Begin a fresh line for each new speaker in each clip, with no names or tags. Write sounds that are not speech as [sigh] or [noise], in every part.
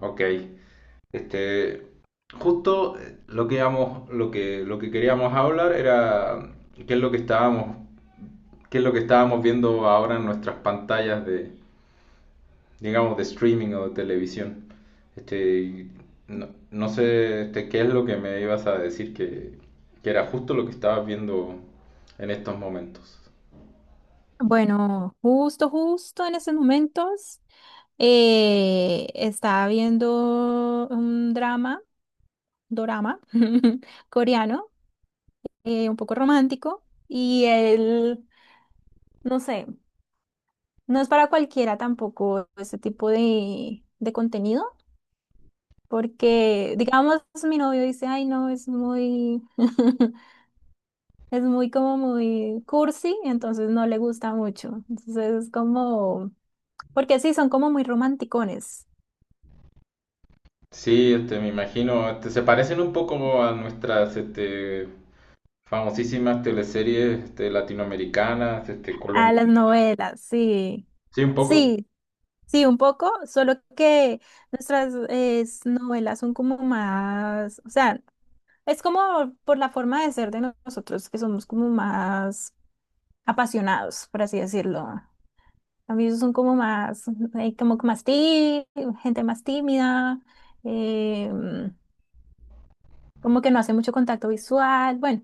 Ok, este, justo lo que queríamos hablar era qué es lo que estábamos, qué es lo que estábamos viendo ahora en nuestras pantallas de, digamos, de streaming o de televisión. Y no, no sé, qué es lo que me ibas a decir que era justo lo que estabas viendo en estos momentos.
Bueno, justo en estos momentos estaba viendo un drama, dorama [laughs] coreano, un poco romántico y él, no sé, no es para cualquiera tampoco ese tipo de contenido, porque digamos mi novio dice, ay no, es muy, [laughs] es muy como muy cursi, entonces no le gusta mucho, entonces es como, porque sí, son como muy romanticones.
Sí, me imagino, se parecen un poco a nuestras, famosísimas teleseries latinoamericanas,
A
colombianas.
las novelas, sí.
Sí, un poco.
Sí, sí, un poco, solo que nuestras novelas son como más, o sea, es como por la forma de ser de nosotros, que somos como más apasionados, por así decirlo. A mí son como más, como que gente más tímida, eh, como que no hace mucho contacto visual, bueno,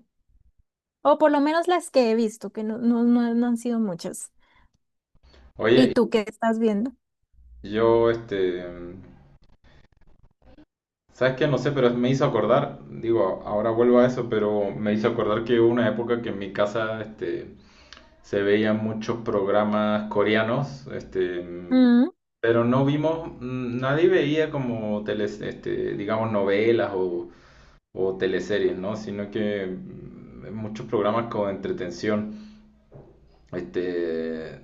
o por lo menos las que he visto, que no han sido muchas. ¿Y
Oye,
tú qué estás viendo?
yo, ¿sabes qué? No sé, pero me hizo acordar, digo, ahora vuelvo a eso, pero me hizo acordar que hubo una época que en mi casa, se veían muchos programas coreanos,
Mm,
pero no vimos, nadie veía como teles, digamos, novelas o teleseries, ¿no? Sino que muchos programas con entretención. Este, eh,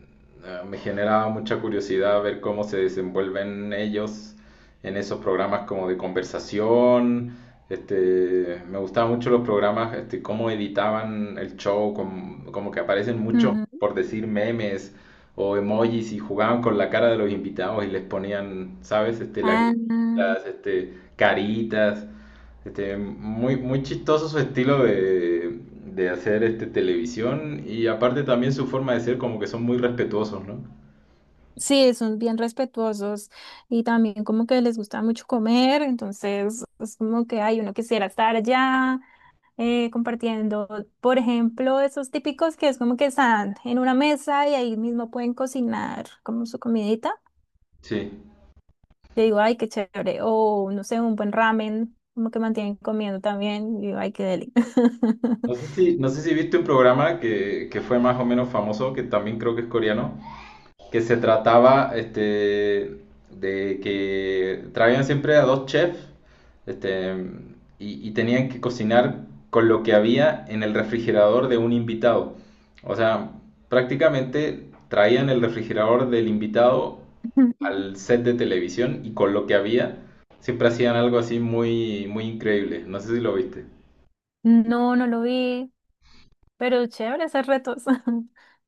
me generaba mucha curiosidad ver cómo se desenvuelven ellos en esos programas como de conversación. Me gustaban mucho los programas, cómo editaban el show, como que aparecen muchos,
ujú.
por decir, memes o emojis y jugaban con la cara de los invitados y les ponían, ¿sabes? Este,
Ah,
lagrimitas, caritas. Muy, muy chistoso su estilo de hacer televisión y aparte también su forma de ser como que son muy respetuosos, ¿no?
sí, son bien respetuosos y también como que les gusta mucho comer, entonces es como que hay uno quisiera estar allá compartiendo, por ejemplo, esos típicos que es como que están en una mesa y ahí mismo pueden cocinar como su comidita.
Sí.
Yo digo, ay, qué chévere, o no sé, un buen ramen, como que mantienen comiendo también, y digo, ay, qué deli.
No sé si viste un programa que fue más o menos famoso, que también creo que es coreano, que se trataba de que traían siempre a dos chefs este, y tenían que cocinar con lo que había en el refrigerador de un invitado. O sea, prácticamente traían el refrigerador del invitado al
[laughs]
set de televisión y con lo que había siempre hacían algo así muy, muy increíble. No sé si lo viste.
No, no lo vi, pero chévere esos retos. [laughs]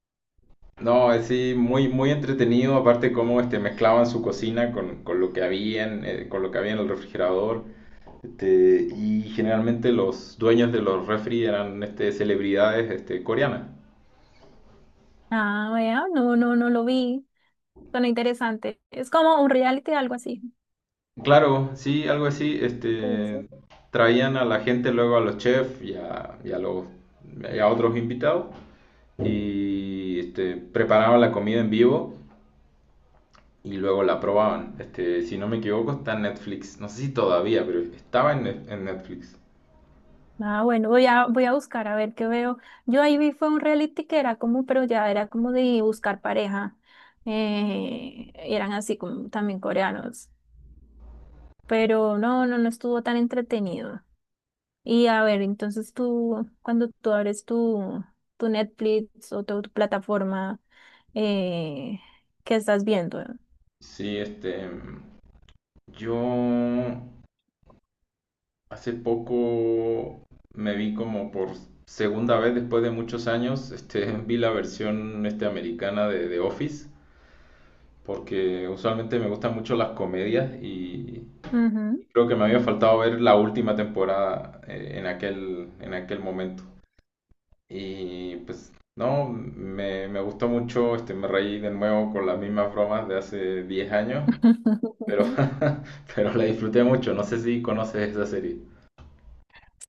No, es sí, muy, muy entretenido, aparte cómo mezclaban su cocina con lo que había con lo que había en el refrigerador. Y generalmente los dueños de los refri eran celebridades coreanas.
Ah, vea, no lo vi. Suena interesante. Es como un reality, algo así.
Claro, sí, algo así.
Sí,
Este,
sí.
traían a la gente luego a los chefs y a otros invitados y preparaban la comida en vivo y luego la probaban. Si no me equivoco, está en Netflix. No sé si todavía, pero estaba en Netflix.
Ah, bueno, voy a buscar a ver qué veo. Yo ahí vi fue un reality que era como, pero ya era como de buscar pareja. Eran así como también coreanos. Pero no estuvo tan entretenido. Y a ver, entonces tú, cuando tú abres tu, tu Netflix o tu plataforma, eh, ¿qué estás viendo?
Sí. Yo hace poco me vi como por segunda vez después de muchos años. [laughs] Vi la versión americana de The Office. Porque usualmente me gustan mucho las comedias y
Ujú.
creo que me había faltado ver la última temporada en aquel momento. Y pues, no, me gustó mucho, me reí de nuevo con las mismas bromas de hace 10 años, pero,
[laughs]
[laughs] pero la disfruté mucho, no sé si conoces esa serie.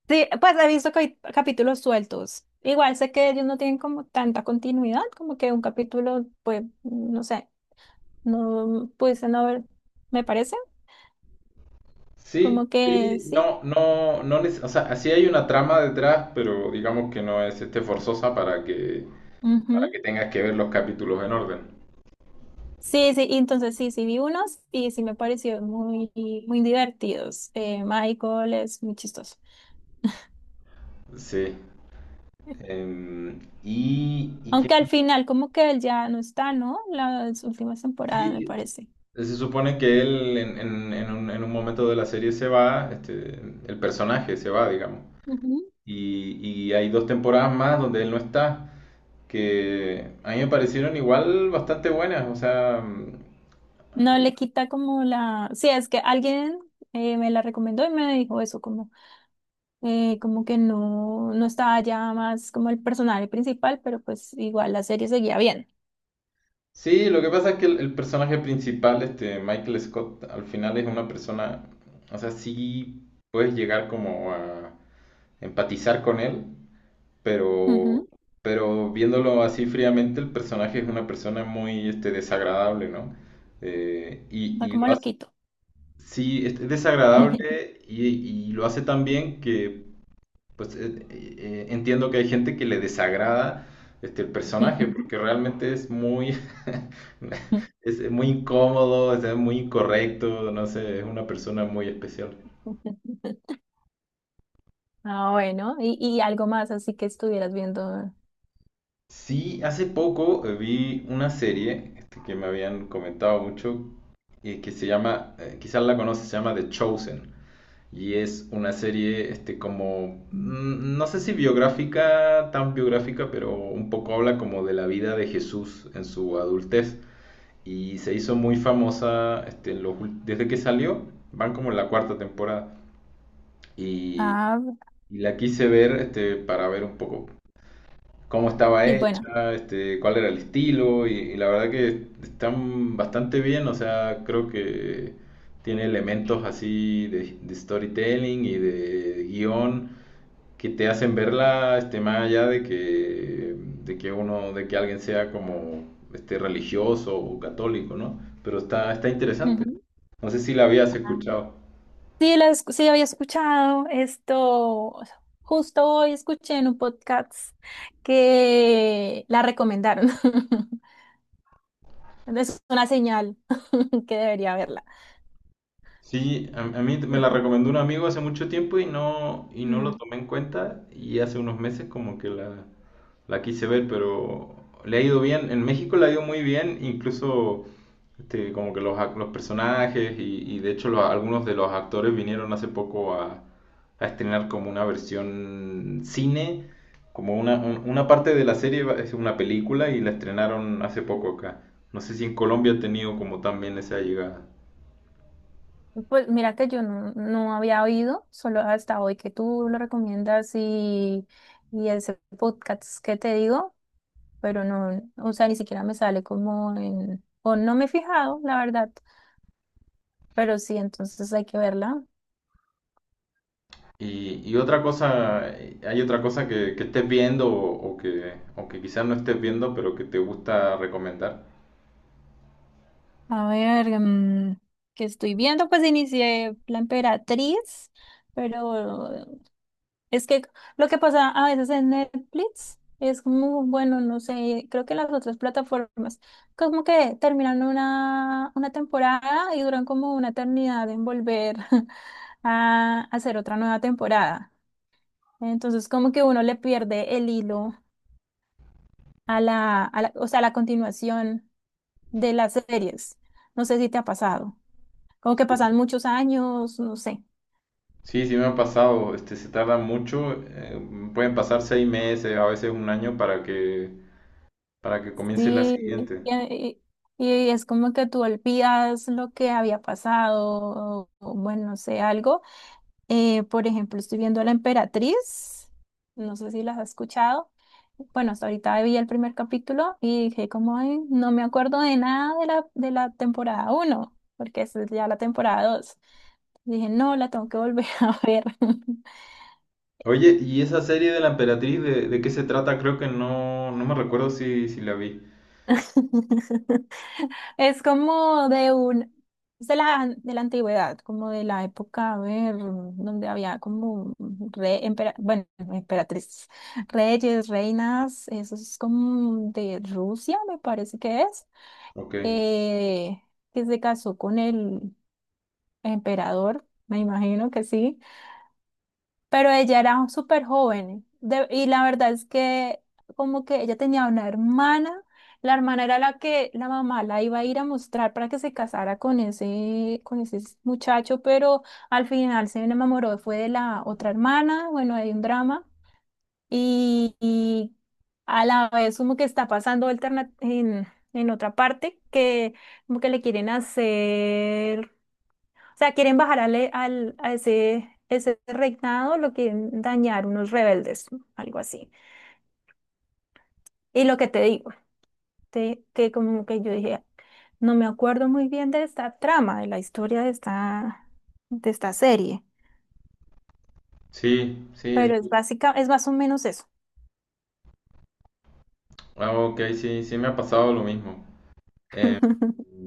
Sí, pues he visto que hay capítulos sueltos. Igual sé que ellos no tienen como tanta continuidad, como que un capítulo, pues, no sé, no pudiese no haber, me parece,
Sí,
como que
sí,
sí.
no, no, no, o sea, sí hay una trama detrás, pero digamos que no es, forzosa para que, para
Ujú.
que tengas que ver los capítulos en orden.
Sí, sí, y entonces sí, sí vi unos y sí me pareció muy, muy divertidos. Michael es muy chistoso.
Sí. ¿Y qué?
Aunque al final como que él ya no está, ¿no? Las últimas temporadas, me
Sí,
parece.
se supone que él en un momento de la serie se va, el personaje se va, digamos.
Ujú.
Y, y hay dos temporadas más donde él no está, que a mí me parecieron igual bastante buenas. O sea,
No le quita como la... Sí, es que alguien me la recomendó y me dijo eso, como. Como que no, no estaba ya más como el personaje principal, pero pues igual la serie seguía bien.
sí, lo que pasa es que el personaje principal, este Michael Scott, al final es una persona, o sea, sí puedes llegar como a empatizar con él. Pero,
Ujú,
pero viéndolo así fríamente, el personaje es una persona muy desagradable, ¿no? Eh,
va
y, y
como
lo hace,
loquito.
sí, es desagradable y lo hace tan bien que, pues, entiendo que hay gente que le desagrada el personaje, porque
[laughs]
realmente es muy, [laughs] es muy incómodo, es muy incorrecto, no sé, es una persona muy especial.
Ah, bueno, y algo más así que estuvieras viendo.
Sí, hace poco vi una serie que me habían comentado mucho que se llama, quizás la conoces, se llama The Chosen y es una serie como, no sé si biográfica, tan biográfica, pero un poco habla como de la vida de Jesús en su adultez y se hizo muy famosa desde que salió, van como en la cuarta temporada y,
Ah,
y la quise ver para ver un poco cómo estaba
y bueno.
hecha, cuál era el estilo, y la verdad que están bastante bien, o sea, creo que tiene elementos así de storytelling y de guión que te hacen verla, más allá de que alguien sea como religioso o católico, ¿no? Pero está interesante.
Ujú.
No sé si la habías
Ah.
escuchado.
Sí, sí, había escuchado esto. Justo hoy escuché en un podcast que la recomendaron. [laughs] Es una señal [laughs] que debería verla.
Sí, a mí me la recomendó un amigo hace mucho tiempo y no lo tomé en cuenta y hace unos meses como que la quise ver, pero le ha ido bien. En México le ha ido muy bien, incluso como que los personajes y de hecho algunos de los actores vinieron hace poco a estrenar como una versión cine, como una parte de la serie es una película y la estrenaron hace
Mm.
poco acá. No sé si en Colombia ha tenido como también esa llegada.
Pues mira que yo no había oído, solo hasta hoy que tú lo recomiendas y ese podcast que te digo, pero no, o sea, ni siquiera me sale como en, o no me he fijado, la verdad, pero sí, entonces hay que verla.
Y otra cosa, ¿hay otra cosa que estés viendo o que quizás no estés viendo, pero que te gusta recomendar?
A ver, mm, que estoy viendo, pues inicié La Emperatriz, pero es que lo que pasa a veces en Netflix es como, bueno, no sé, creo que las otras plataformas, como que terminan una temporada y duran como una eternidad en volver [laughs] a hacer otra nueva temporada. Entonces, como que uno le pierde el hilo a o sea, a la continuación de las series. No sé si te ha pasado. Como que
Sí.
pasan muchos años, no sé.
Sí, sí me ha pasado, se tarda mucho, pueden pasar 6 meses, a veces un año para que comience la
Sí,
siguiente.
es como que tú olvidas lo que había pasado, o bueno, no sé, algo. Por ejemplo, estoy viendo La Emperatriz, no sé si las has escuchado. Bueno, hasta ahorita vi el primer capítulo y dije como, "Ay, no me acuerdo de nada de de la temporada uno porque esa es ya la temporada dos. Dije, no, la tengo que volver [laughs] a ver".
Oye, ¿y esa serie de la Emperatriz de qué se trata? Creo que no, no me recuerdo si la vi.
[laughs] Es como de un, es de de la antigüedad, como de la época, a ver, donde había como bueno, emperatrices, reyes, reinas, eso es como de Rusia, me parece que es,
Ok,
eh, que se casó con el emperador, me imagino que sí, pero ella era súper joven y la verdad es que como que ella tenía una hermana, la hermana era la que la mamá la iba a ir a mostrar para que se casara con con ese muchacho, pero al final se enamoró, fue de la otra hermana, bueno, hay un drama y a la vez como que está pasando en otra parte que como que le quieren hacer, o sea, quieren bajar a ese reinado, lo quieren dañar unos rebeldes, algo así. Y lo que te digo, que como que yo dije, no me acuerdo muy bien de esta trama, de la historia de de esta serie,
sí, sí,
pero es básica, es más o menos eso.
ah, ok, sí, sí me ha pasado lo mismo. Eh,
[laughs]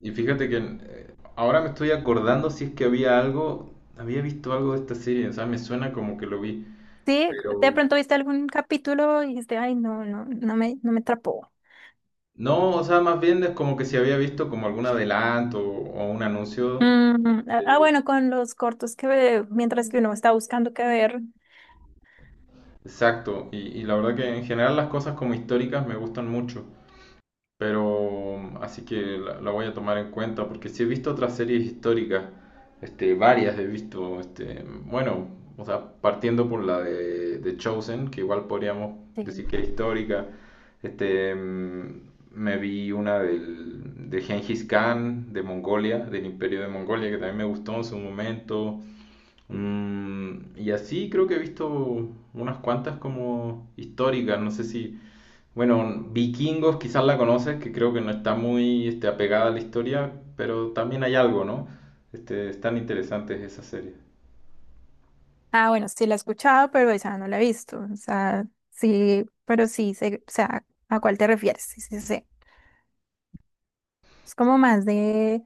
Y fíjate que ahora me estoy acordando si es que había algo, había visto algo de esta serie, o sea, me suena como que lo vi,
Sí, de
pero
pronto viste algún capítulo y dijiste, ay, no me, no me atrapó.
no, o sea, más bien es como que si había visto como algún adelanto o un anuncio.
Mm, ah, ah,
eh,
bueno, con los cortos que mientras que uno está buscando qué ver,
Exacto, y la verdad que en general las cosas como históricas me gustan mucho. Pero así que la voy a tomar en cuenta porque sí he visto otras series históricas, varias he visto, bueno, o sea, partiendo por la de Chosen, que igual podríamos decir
sí.
que es histórica, me vi una del, de Genghis Khan, de Mongolia, del Imperio de Mongolia, que también me gustó en su momento. Y así creo que he visto unas cuantas como históricas, no sé si... Bueno, Vikingos quizás la conoces, que creo que no está muy apegada a la historia, pero también hay algo, ¿no? Están interesantes esas series.
Ah, bueno, sí la he escuchado, pero esa no la he visto. O sea, sí, pero sí, o sea, ¿a cuál te refieres? Sí, sí, sí. Es como más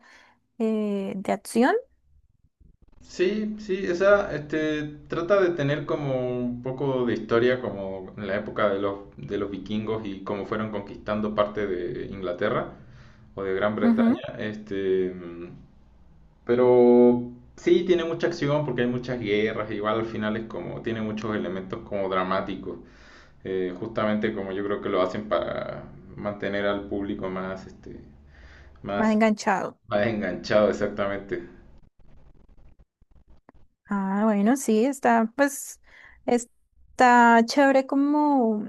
de acción,
Sí, sí, esa trata de tener como un poco de historia, como en la época de los vikingos y cómo fueron conquistando parte de Inglaterra o de Gran Bretaña.
ujú,
Pero sí, tiene mucha acción porque hay muchas guerras, igual al final es como, tiene muchos elementos como dramáticos. Justamente como yo creo que lo hacen para mantener al público
más
más,
enganchado.
más enganchado, exactamente.
Ah, bueno, sí, está, pues, está chévere como,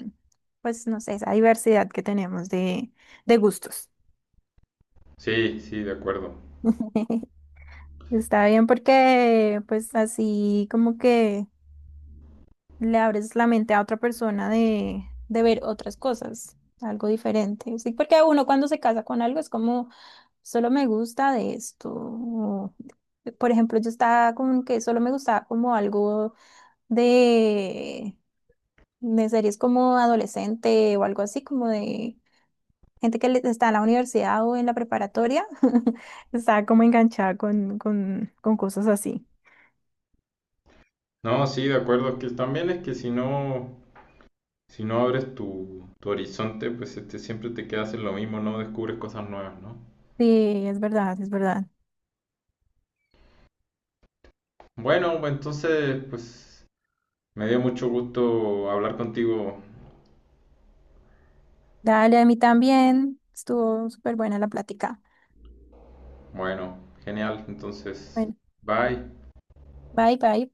pues, no sé, esa diversidad que tenemos de gustos.
Sí, sí, de acuerdo.
[laughs] Está bien porque, pues, así como que... le abres la mente a otra persona de ver otras cosas, algo diferente. Sí, porque uno cuando se casa con algo es como, solo me gusta de esto. O, por ejemplo, yo estaba con que solo me gustaba como algo de, de series como adolescente o algo así, como de gente que está en la universidad o en la preparatoria, [laughs] estaba como enganchada con cosas así.
No, sí, de acuerdo. Es que también es que si no abres tu horizonte, pues siempre te quedas en lo mismo, no descubres cosas nuevas, ¿no?
Sí, es verdad, es verdad.
Bueno, pues, entonces, pues me dio mucho gusto hablar contigo.
Dale, a mí también. Estuvo súper buena la plática.
Bueno, genial. Entonces,
Bueno,
bye.
bye, bye.